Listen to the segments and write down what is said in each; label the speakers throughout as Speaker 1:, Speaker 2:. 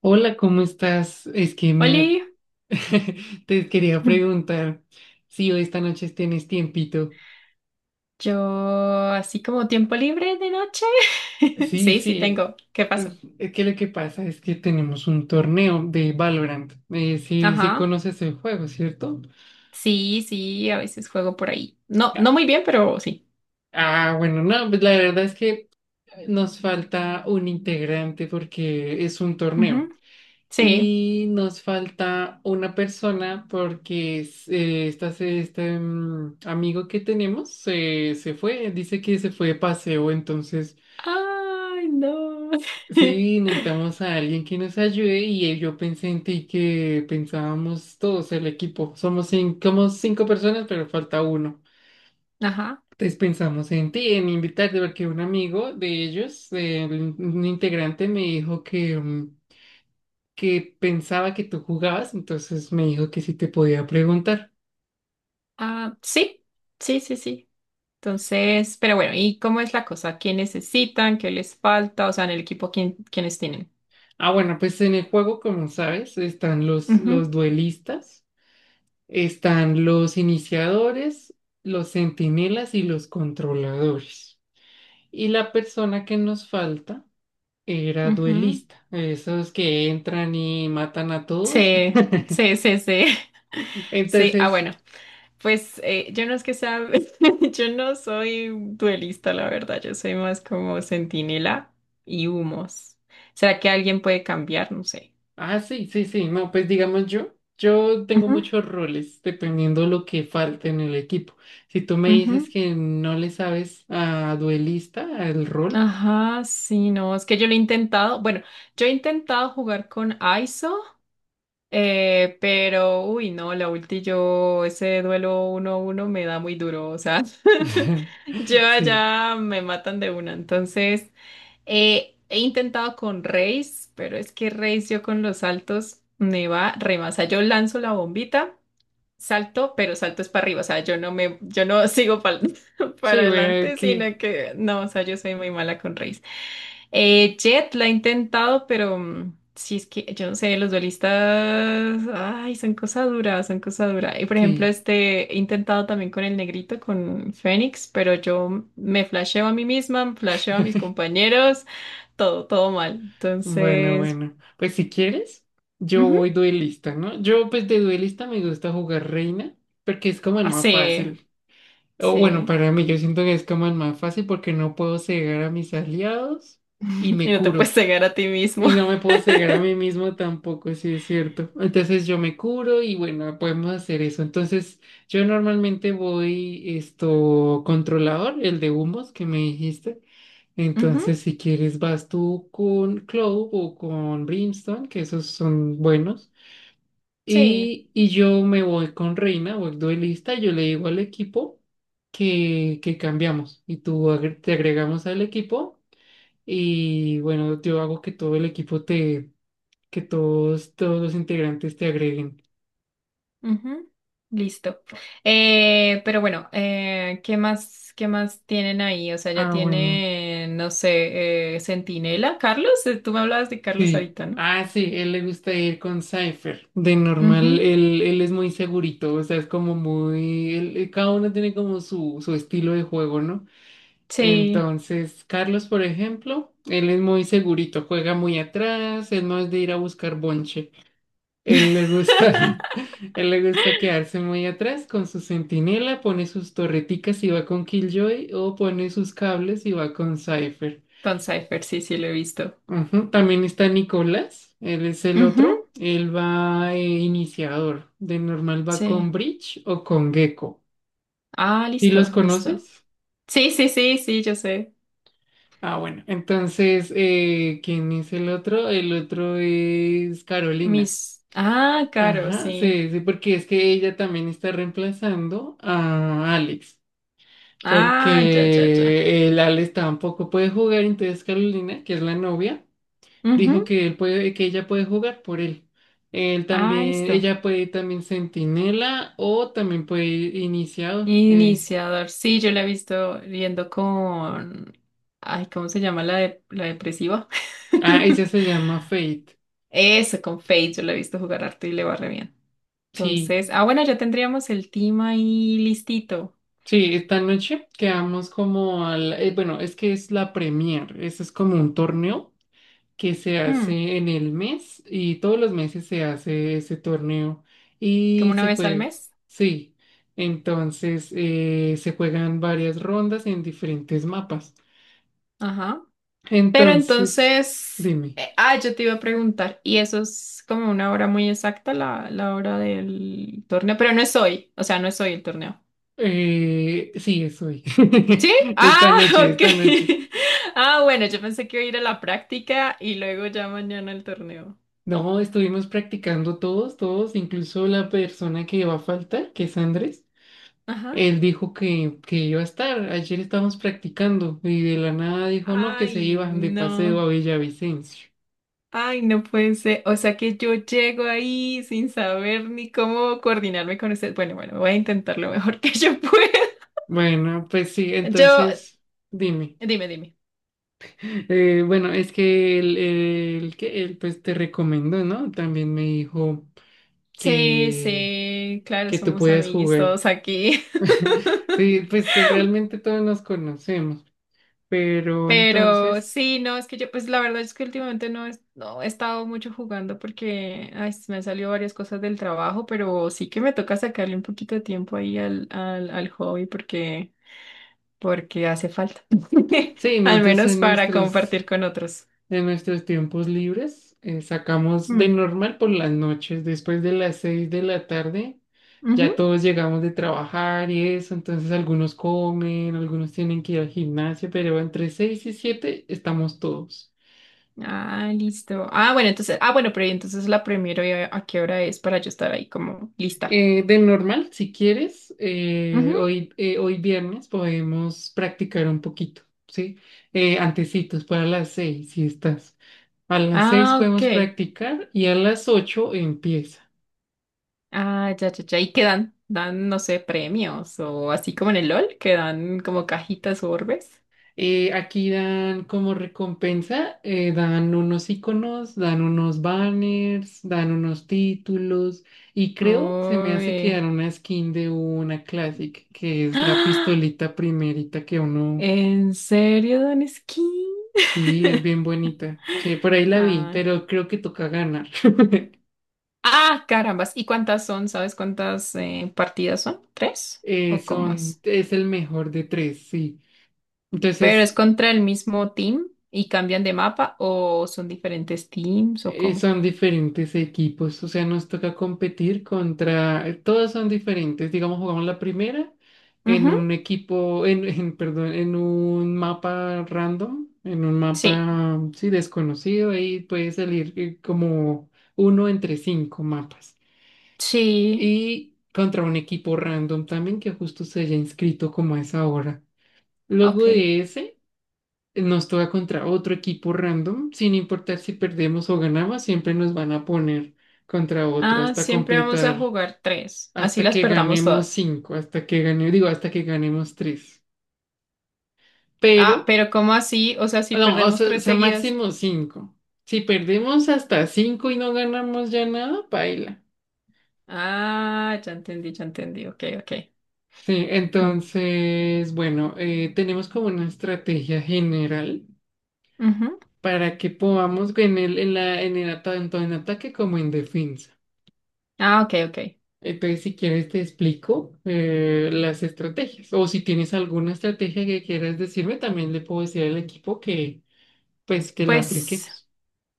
Speaker 1: Hola, ¿cómo estás? Es que mira,
Speaker 2: Oli,
Speaker 1: te quería preguntar si hoy esta noche tienes tiempito.
Speaker 2: yo así como tiempo libre de noche.
Speaker 1: Sí,
Speaker 2: Sí, sí
Speaker 1: sí,
Speaker 2: tengo. ¿Qué pasó?
Speaker 1: es que lo que pasa es que tenemos un torneo de Valorant. Sí, sí
Speaker 2: Ajá.
Speaker 1: conoces el juego, ¿cierto?
Speaker 2: Sí, sí, a veces juego por ahí. No, no
Speaker 1: Ya.
Speaker 2: muy bien, pero sí.
Speaker 1: Ah, bueno, no, pues la verdad es que nos falta un integrante porque es un
Speaker 2: Ujú.
Speaker 1: torneo.
Speaker 2: Sí.
Speaker 1: Y nos falta una persona porque este amigo que tenemos se fue, dice que se fue de paseo, entonces
Speaker 2: Ay, no.
Speaker 1: sí, necesitamos a alguien que nos ayude y yo pensé en ti que pensábamos todos el equipo, somos cinco, personas pero falta uno.
Speaker 2: Ajá.
Speaker 1: Entonces pensamos en ti, en invitarte, porque un amigo de ellos, un integrante me dijo que que pensaba que tú jugabas, entonces me dijo que sí te podía preguntar.
Speaker 2: Ah, sí, sí, sí, sí. Entonces, pero bueno, ¿y cómo es la cosa? ¿Qué necesitan? ¿Qué les falta? O sea, en el equipo, ¿quién, quiénes tienen?
Speaker 1: Ah, bueno, pues en el juego, como sabes, están los,
Speaker 2: Ujú,
Speaker 1: los duelistas, están los iniciadores, los centinelas y los controladores. Y la persona que nos falta era
Speaker 2: ujú.
Speaker 1: duelista, esos que entran y matan a todos.
Speaker 2: Sí, sí, sí, sí. Sí, ah,
Speaker 1: Entonces.
Speaker 2: bueno. Pues yo no es que sea, yo no soy duelista, la verdad, yo soy más como centinela y humos. ¿Será que alguien puede cambiar? No sé.
Speaker 1: Ah, sí, sí, sí. No, pues digamos yo tengo
Speaker 2: Ujú,
Speaker 1: muchos roles dependiendo lo que falte en el equipo. Si tú me dices
Speaker 2: ujú.
Speaker 1: que no le sabes a duelista, al rol,
Speaker 2: Ajá, sí, no, es que yo lo he intentado, bueno, yo he intentado jugar con ISO, pero, uy, no, la ulti yo, ese duelo uno a uno me da muy duro, o sea, yo
Speaker 1: sí,
Speaker 2: allá me matan de una, entonces... he intentado con Reis, pero es que Reis yo con los saltos me va re más. O sea, yo lanzo la bombita, salto, pero salto es para arriba. O sea, yo no me, yo no sigo pal- para
Speaker 1: sí, bueno,
Speaker 2: adelante,
Speaker 1: que
Speaker 2: sino que no, o sea, yo soy muy mala con Reis. Jet la he intentado, pero sí es que yo no sé, los duelistas, ay, son cosas duras, son cosas duras. Y por ejemplo,
Speaker 1: sí.
Speaker 2: este he intentado también con el negrito, con Fénix, pero yo me flasheo a mí misma, flasheo a mis compañeros todo, todo mal.
Speaker 1: Bueno,
Speaker 2: Entonces,
Speaker 1: bueno. Pues si quieres, yo
Speaker 2: ujú,
Speaker 1: voy duelista, ¿no? Yo pues de duelista me gusta jugar Reina porque es como el más
Speaker 2: así,
Speaker 1: fácil. O bueno,
Speaker 2: sí.
Speaker 1: para mí yo siento que es como el más fácil porque no puedo cegar a mis aliados y
Speaker 2: Y
Speaker 1: me
Speaker 2: no te puedes
Speaker 1: curo.
Speaker 2: cegar a ti mismo.
Speaker 1: Y no me puedo cegar a mí mismo tampoco, sí es cierto. Entonces yo me curo y bueno, podemos hacer eso. Entonces yo normalmente voy esto controlador, el de humos que me dijiste.
Speaker 2: Ujú.
Speaker 1: Entonces si quieres vas tú con Clove o con Brimstone, que esos son buenos.
Speaker 2: Sí,
Speaker 1: Y yo me voy con Reina, voy duelista, yo le digo al equipo que cambiamos y tú te agregamos al equipo. Y bueno, yo hago que todo el equipo te que todos los integrantes te agreguen.
Speaker 2: ujú. Listo. Pero bueno, qué más tienen ahí? O sea, ya
Speaker 1: Ah, bueno.
Speaker 2: tienen, no sé, Centinela, Carlos. Tú me hablabas de Carlos
Speaker 1: Sí.
Speaker 2: ahorita, ¿no?
Speaker 1: Ah, sí, él le gusta ir con Cypher. De normal,
Speaker 2: Ujú.
Speaker 1: él es muy segurito, o sea, es como muy... cada uno tiene como su estilo de juego, ¿no?
Speaker 2: Sí,
Speaker 1: Entonces, Carlos, por ejemplo, él es muy segurito, juega muy atrás, él no es de ir a buscar bonche. Él le gusta, él le gusta quedarse muy atrás con su centinela, pone sus torreticas y va con Killjoy o pone sus cables y va con Cypher.
Speaker 2: con Cypher, sí, sí, lo he visto.
Speaker 1: Ujú. También está Nicolás, él es el
Speaker 2: Ujú.
Speaker 1: otro, él va iniciador, de normal va
Speaker 2: Sí.
Speaker 1: con Bridge o con Gecko.
Speaker 2: Ah,
Speaker 1: ¿Y los
Speaker 2: listo, listo.
Speaker 1: conoces?
Speaker 2: Sí, sí, sí, sí, yo sé.
Speaker 1: Ah, bueno, entonces, ¿quién es el otro? El otro es Carolina.
Speaker 2: Mis. Ah, claro,
Speaker 1: Ajá,
Speaker 2: sí.
Speaker 1: sí, sí, porque es que ella también está reemplazando a Alex,
Speaker 2: Ah, ya, ya, ya.
Speaker 1: porque el Alex tampoco puede jugar, entonces Carolina, que es la novia. Dijo
Speaker 2: Ujú.
Speaker 1: que él puede, que ella puede jugar por él. Él
Speaker 2: Ah,
Speaker 1: también,
Speaker 2: listo.
Speaker 1: ella puede ir también centinela o también puede ir iniciador.
Speaker 2: Iniciador. Sí, yo la he visto riendo con... Ay, ¿cómo se llama la, de- la depresiva?
Speaker 1: Ah, ella se llama Fate.
Speaker 2: Eso, con Fate. Yo la he visto jugar harto y le va re bien.
Speaker 1: Sí,
Speaker 2: Entonces, ah, bueno, ya tendríamos el team ahí listito.
Speaker 1: sí, esta noche quedamos como bueno, es que es la Premier, eso es como un torneo que se
Speaker 2: Hmm.
Speaker 1: hace en el mes y todos los meses se hace ese torneo
Speaker 2: Como
Speaker 1: y
Speaker 2: una
Speaker 1: se
Speaker 2: vez al
Speaker 1: juega,
Speaker 2: mes.
Speaker 1: sí. Entonces se juegan varias rondas en diferentes mapas.
Speaker 2: Ajá. Pero
Speaker 1: Entonces,
Speaker 2: entonces...
Speaker 1: dime.
Speaker 2: yo te iba a preguntar. Y eso es como una hora muy exacta, la hora del torneo. Pero no es hoy. O sea, no es hoy el torneo.
Speaker 1: Sí, es hoy.
Speaker 2: ¿Sí?
Speaker 1: Esta
Speaker 2: Ah,
Speaker 1: noche, esta noche.
Speaker 2: ok. Ah, bueno, yo pensé que iba a ir a la práctica y luego ya mañana el torneo.
Speaker 1: No, estuvimos practicando todos, todos, incluso la persona que va a faltar, que es Andrés.
Speaker 2: Ajá.
Speaker 1: Él dijo que iba a estar. Ayer estábamos practicando y de la nada dijo no, que se
Speaker 2: Ay,
Speaker 1: iban de paseo
Speaker 2: no.
Speaker 1: a Villavicencio.
Speaker 2: Ay, no puede ser. O sea que yo llego ahí sin saber ni cómo coordinarme con usted. Bueno, bueno, voy a intentar lo mejor que yo pueda.
Speaker 1: Bueno, pues sí,
Speaker 2: Yo,
Speaker 1: entonces, dime.
Speaker 2: dime.
Speaker 1: Bueno, es que él, pues te recomendó, ¿no? También me dijo
Speaker 2: Sí,
Speaker 1: que.
Speaker 2: sí, claro,
Speaker 1: que Tú
Speaker 2: somos
Speaker 1: puedas
Speaker 2: amiguis
Speaker 1: jugar.
Speaker 2: todos aquí.
Speaker 1: Sí, pues realmente todos nos conocemos, pero
Speaker 2: Pero
Speaker 1: entonces,
Speaker 2: sí, no, es que yo, pues la verdad es que últimamente no, es- no he estado mucho jugando porque ay, se me han salido varias cosas del trabajo, pero sí que me toca sacarle un poquito de tiempo ahí al hobby porque, porque hace falta.
Speaker 1: sí,
Speaker 2: Al
Speaker 1: nosotros
Speaker 2: menos
Speaker 1: en
Speaker 2: para
Speaker 1: nuestros,
Speaker 2: compartir con otros.
Speaker 1: en nuestros tiempos libres sacamos
Speaker 2: Mm,
Speaker 1: de normal por las noches, después de las 6 de la tarde, ya
Speaker 2: ujú.
Speaker 1: todos llegamos de trabajar y eso, entonces algunos comen, algunos tienen que ir al gimnasio, pero entre 6 y 7 estamos todos.
Speaker 2: Ah, listo. Ah, bueno, entonces, ah, bueno, pero ¿y entonces la primero a qué hora es para yo estar ahí como lista?
Speaker 1: De normal, si quieres,
Speaker 2: Ujú.
Speaker 1: hoy, hoy viernes podemos practicar un poquito, ¿sí? Antecitos, para las 6, si estás. A las 6
Speaker 2: Ah,
Speaker 1: podemos
Speaker 2: ok.
Speaker 1: practicar y a las 8 empieza.
Speaker 2: Ah, ya, ya, ya. ¿Y qué dan? Dan, no sé, premios o así como en el LOL, que dan como cajitas o orbes.
Speaker 1: Aquí dan como recompensa, dan unos iconos, dan unos banners, dan unos títulos y creo se me hace que
Speaker 2: Uy.
Speaker 1: dan una skin de una Classic, que es la
Speaker 2: ¡Ah!
Speaker 1: pistolita primerita que uno.
Speaker 2: ¿En serio dan skin?
Speaker 1: Sí, es bien bonita. Sí, por ahí la vi,
Speaker 2: Ah.
Speaker 1: pero creo que toca ganar.
Speaker 2: Ah, carambas. ¿Y cuántas son? ¿Sabes cuántas partidas son? ¿Tres? ¿O cómo es?
Speaker 1: Es el mejor de tres, sí.
Speaker 2: ¿Pero
Speaker 1: Entonces,
Speaker 2: es contra el mismo team y cambian de mapa o son diferentes teams o cómo?
Speaker 1: son diferentes equipos, o sea, nos toca competir contra, todos son diferentes. Digamos, jugamos la primera en
Speaker 2: Ujú.
Speaker 1: un equipo, en perdón, en un mapa random, en un
Speaker 2: Sí,
Speaker 1: mapa, sí, desconocido, ahí puede salir como uno entre cinco mapas.
Speaker 2: sí,
Speaker 1: Y contra un equipo random también que justo se haya inscrito como a esa hora. Luego
Speaker 2: ok.
Speaker 1: de ese, nos toca contra otro equipo random, sin importar si perdemos o ganamos, siempre nos van a poner contra otro
Speaker 2: Ah,
Speaker 1: hasta
Speaker 2: siempre vamos a
Speaker 1: completar,
Speaker 2: jugar tres. Así
Speaker 1: hasta
Speaker 2: las
Speaker 1: que
Speaker 2: perdamos
Speaker 1: ganemos
Speaker 2: todas.
Speaker 1: cinco, hasta que gane, digo, hasta que ganemos tres. Pero,
Speaker 2: Ah, pero ¿cómo así? O sea, si
Speaker 1: no, o
Speaker 2: perdemos
Speaker 1: sea, o
Speaker 2: tres
Speaker 1: sea,
Speaker 2: seguidas.
Speaker 1: máximo cinco. Si perdemos hasta cinco y no ganamos ya nada, paila.
Speaker 2: Ah, ya entendí, ya entendí. Ok, ok.
Speaker 1: Sí,
Speaker 2: Mm.
Speaker 1: entonces, bueno, tenemos como una estrategia general
Speaker 2: Ujú.
Speaker 1: para que podamos en el, en la, en el ata- tanto en ataque como en defensa.
Speaker 2: Ah, ok, ok.
Speaker 1: Entonces, si quieres, te explico las estrategias. O si tienes alguna estrategia que quieras decirme, también le puedo decir al equipo que la
Speaker 2: Pues
Speaker 1: apliquemos.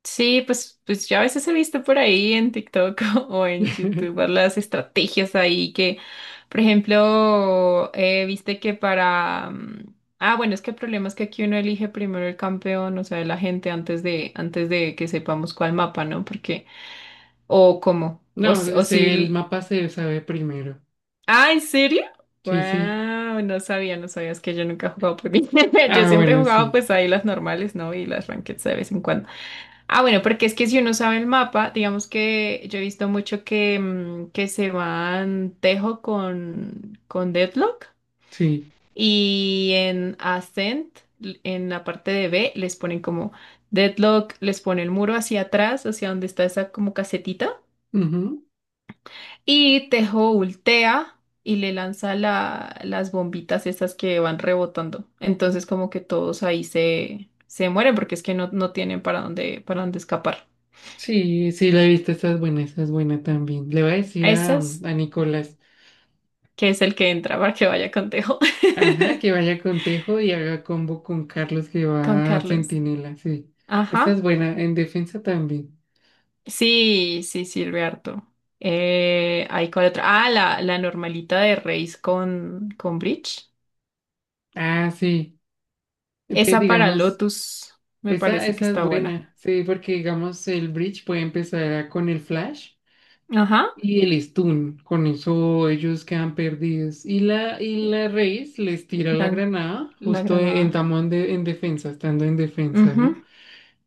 Speaker 2: sí, pues, pues yo a veces he visto por ahí en TikTok o en YouTube las estrategias ahí que, por ejemplo, viste que para... ah, bueno, es que el problema es que aquí uno elige primero el campeón, o sea, la gente antes de que sepamos cuál mapa, ¿no? Porque... O cómo. O, s-
Speaker 1: No,
Speaker 2: o
Speaker 1: el
Speaker 2: si
Speaker 1: mapa se sabe primero.
Speaker 2: ah, ¿en serio?
Speaker 1: Sí, sí.
Speaker 2: Wow, no sabía, no sabías que yo nunca he jugado por mí. Yo
Speaker 1: Ah,
Speaker 2: siempre he
Speaker 1: bueno,
Speaker 2: jugado
Speaker 1: sí,
Speaker 2: pues ahí las normales, ¿no? Y las rankeds de vez en cuando. Ah, bueno, porque es que si uno sabe el mapa, digamos que yo he visto mucho que, que se van Tejo con Deadlock
Speaker 1: sí.
Speaker 2: y en Ascent, l- en la parte de B, les ponen como Deadlock, les pone el muro hacia atrás, hacia donde está esa como casetita. Y Tejo ultea y le lanza la- las bombitas esas que van rebotando. Entonces como que todos ahí se, se mueren porque es que no, no tienen para dónde escapar.
Speaker 1: Sí, sí, la he visto, esa es buena también. Le voy a
Speaker 2: A
Speaker 1: decir a,
Speaker 2: esas,
Speaker 1: Nicolás,
Speaker 2: que es el que entra para que vaya con Tejo.
Speaker 1: ajá, que vaya con Tejo y haga combo con Carlos que
Speaker 2: Con
Speaker 1: va a
Speaker 2: Carlos.
Speaker 1: Centinela, sí. Esa
Speaker 2: Ajá.
Speaker 1: es buena, en defensa también.
Speaker 2: Sí, sí, sirve harto. Ahí con otra. Ah, la normalita de Reis con Bridge.
Speaker 1: Ah, sí. Entonces,
Speaker 2: Esa para
Speaker 1: digamos,
Speaker 2: Lotus me
Speaker 1: esa,
Speaker 2: parece que
Speaker 1: esa es
Speaker 2: está buena.
Speaker 1: buena, sí, porque digamos, el Bridge puede empezar con el flash
Speaker 2: Ajá.
Speaker 1: y el stun, con eso ellos quedan perdidos. Y la Reis les tira la
Speaker 2: La,
Speaker 1: granada
Speaker 2: la
Speaker 1: justo en
Speaker 2: granada.
Speaker 1: tamón de, en defensa, estando en defensa, ¿no?
Speaker 2: Ujú.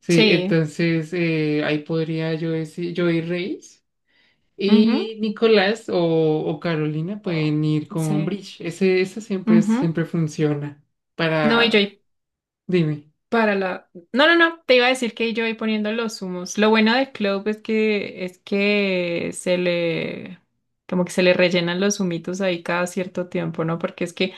Speaker 1: Sí,
Speaker 2: Sí.
Speaker 1: entonces ahí podría yo decir, yo ir Reyes
Speaker 2: Ujú,
Speaker 1: y Nicolás o Carolina
Speaker 2: oh,
Speaker 1: pueden ir con
Speaker 2: sí.
Speaker 1: Bridge. Esa siempre,
Speaker 2: Ujú.
Speaker 1: siempre funciona
Speaker 2: No, y yo
Speaker 1: para,
Speaker 2: ahí
Speaker 1: dime.
Speaker 2: para la. No, no, no. Te iba a decir que yo ahí poniendo los humos. Lo bueno de Clove es que se le. Como que se le rellenan los humitos ahí cada cierto tiempo, ¿no? Porque es que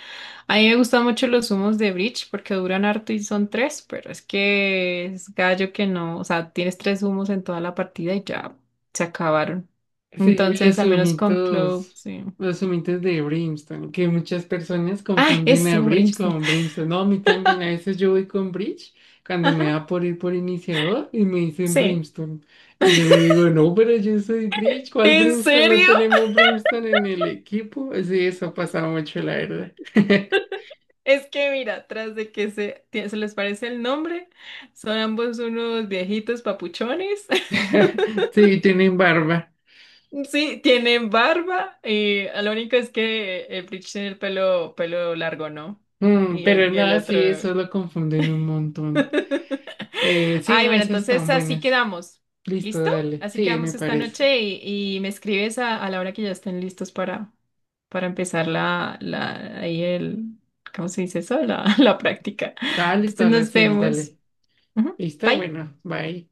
Speaker 2: a mí me gustan mucho los humos de Bridge porque duran harto y son tres, pero es que es gallo que no. O sea, tienes tres humos en toda la partida y ya se acabaron.
Speaker 1: Sí, y
Speaker 2: Entonces,
Speaker 1: los
Speaker 2: al menos con Clove,
Speaker 1: humitos,
Speaker 2: sí.
Speaker 1: los humitos de Brimstone, que muchas personas
Speaker 2: Ah,
Speaker 1: confunden
Speaker 2: eso,
Speaker 1: a Bridge
Speaker 2: Brimstone.
Speaker 1: con Brimstone. No, a mí también, a veces yo voy con Bridge cuando
Speaker 2: Ajá,
Speaker 1: me da por ir por iniciador y me dicen
Speaker 2: sí.
Speaker 1: Brimstone. Y yo le digo, no, pero yo soy Bridge, ¿cuál
Speaker 2: ¿En
Speaker 1: Brimstone? No
Speaker 2: serio?
Speaker 1: tenemos Brimstone en el equipo. Sí, eso pasa mucho, la verdad.
Speaker 2: Es que mira, tras de que se, tie- se les parece el nombre, son ambos unos viejitos papuchones.
Speaker 1: Sí, tienen barba.
Speaker 2: Sí, tienen barba y lo único es que el Bleach tiene el pelo, pelo largo, ¿no?
Speaker 1: Pero
Speaker 2: Y el
Speaker 1: nada,
Speaker 2: otro...
Speaker 1: sí, eso lo confunden un montón. Sí,
Speaker 2: Ay,
Speaker 1: no,
Speaker 2: bueno,
Speaker 1: esas
Speaker 2: entonces
Speaker 1: están
Speaker 2: así
Speaker 1: buenas.
Speaker 2: quedamos.
Speaker 1: Listo,
Speaker 2: ¿Listo?
Speaker 1: dale.
Speaker 2: Así
Speaker 1: Sí, me
Speaker 2: quedamos esta
Speaker 1: parece.
Speaker 2: noche y me escribes a la hora que ya estén listos para empezar ahí el, ¿cómo se dice eso? La, la práctica.
Speaker 1: Dale, listo,
Speaker 2: Entonces
Speaker 1: a las
Speaker 2: nos
Speaker 1: 6,
Speaker 2: vemos.
Speaker 1: dale.
Speaker 2: Ujú.
Speaker 1: Está
Speaker 2: Bye.
Speaker 1: bueno, bye.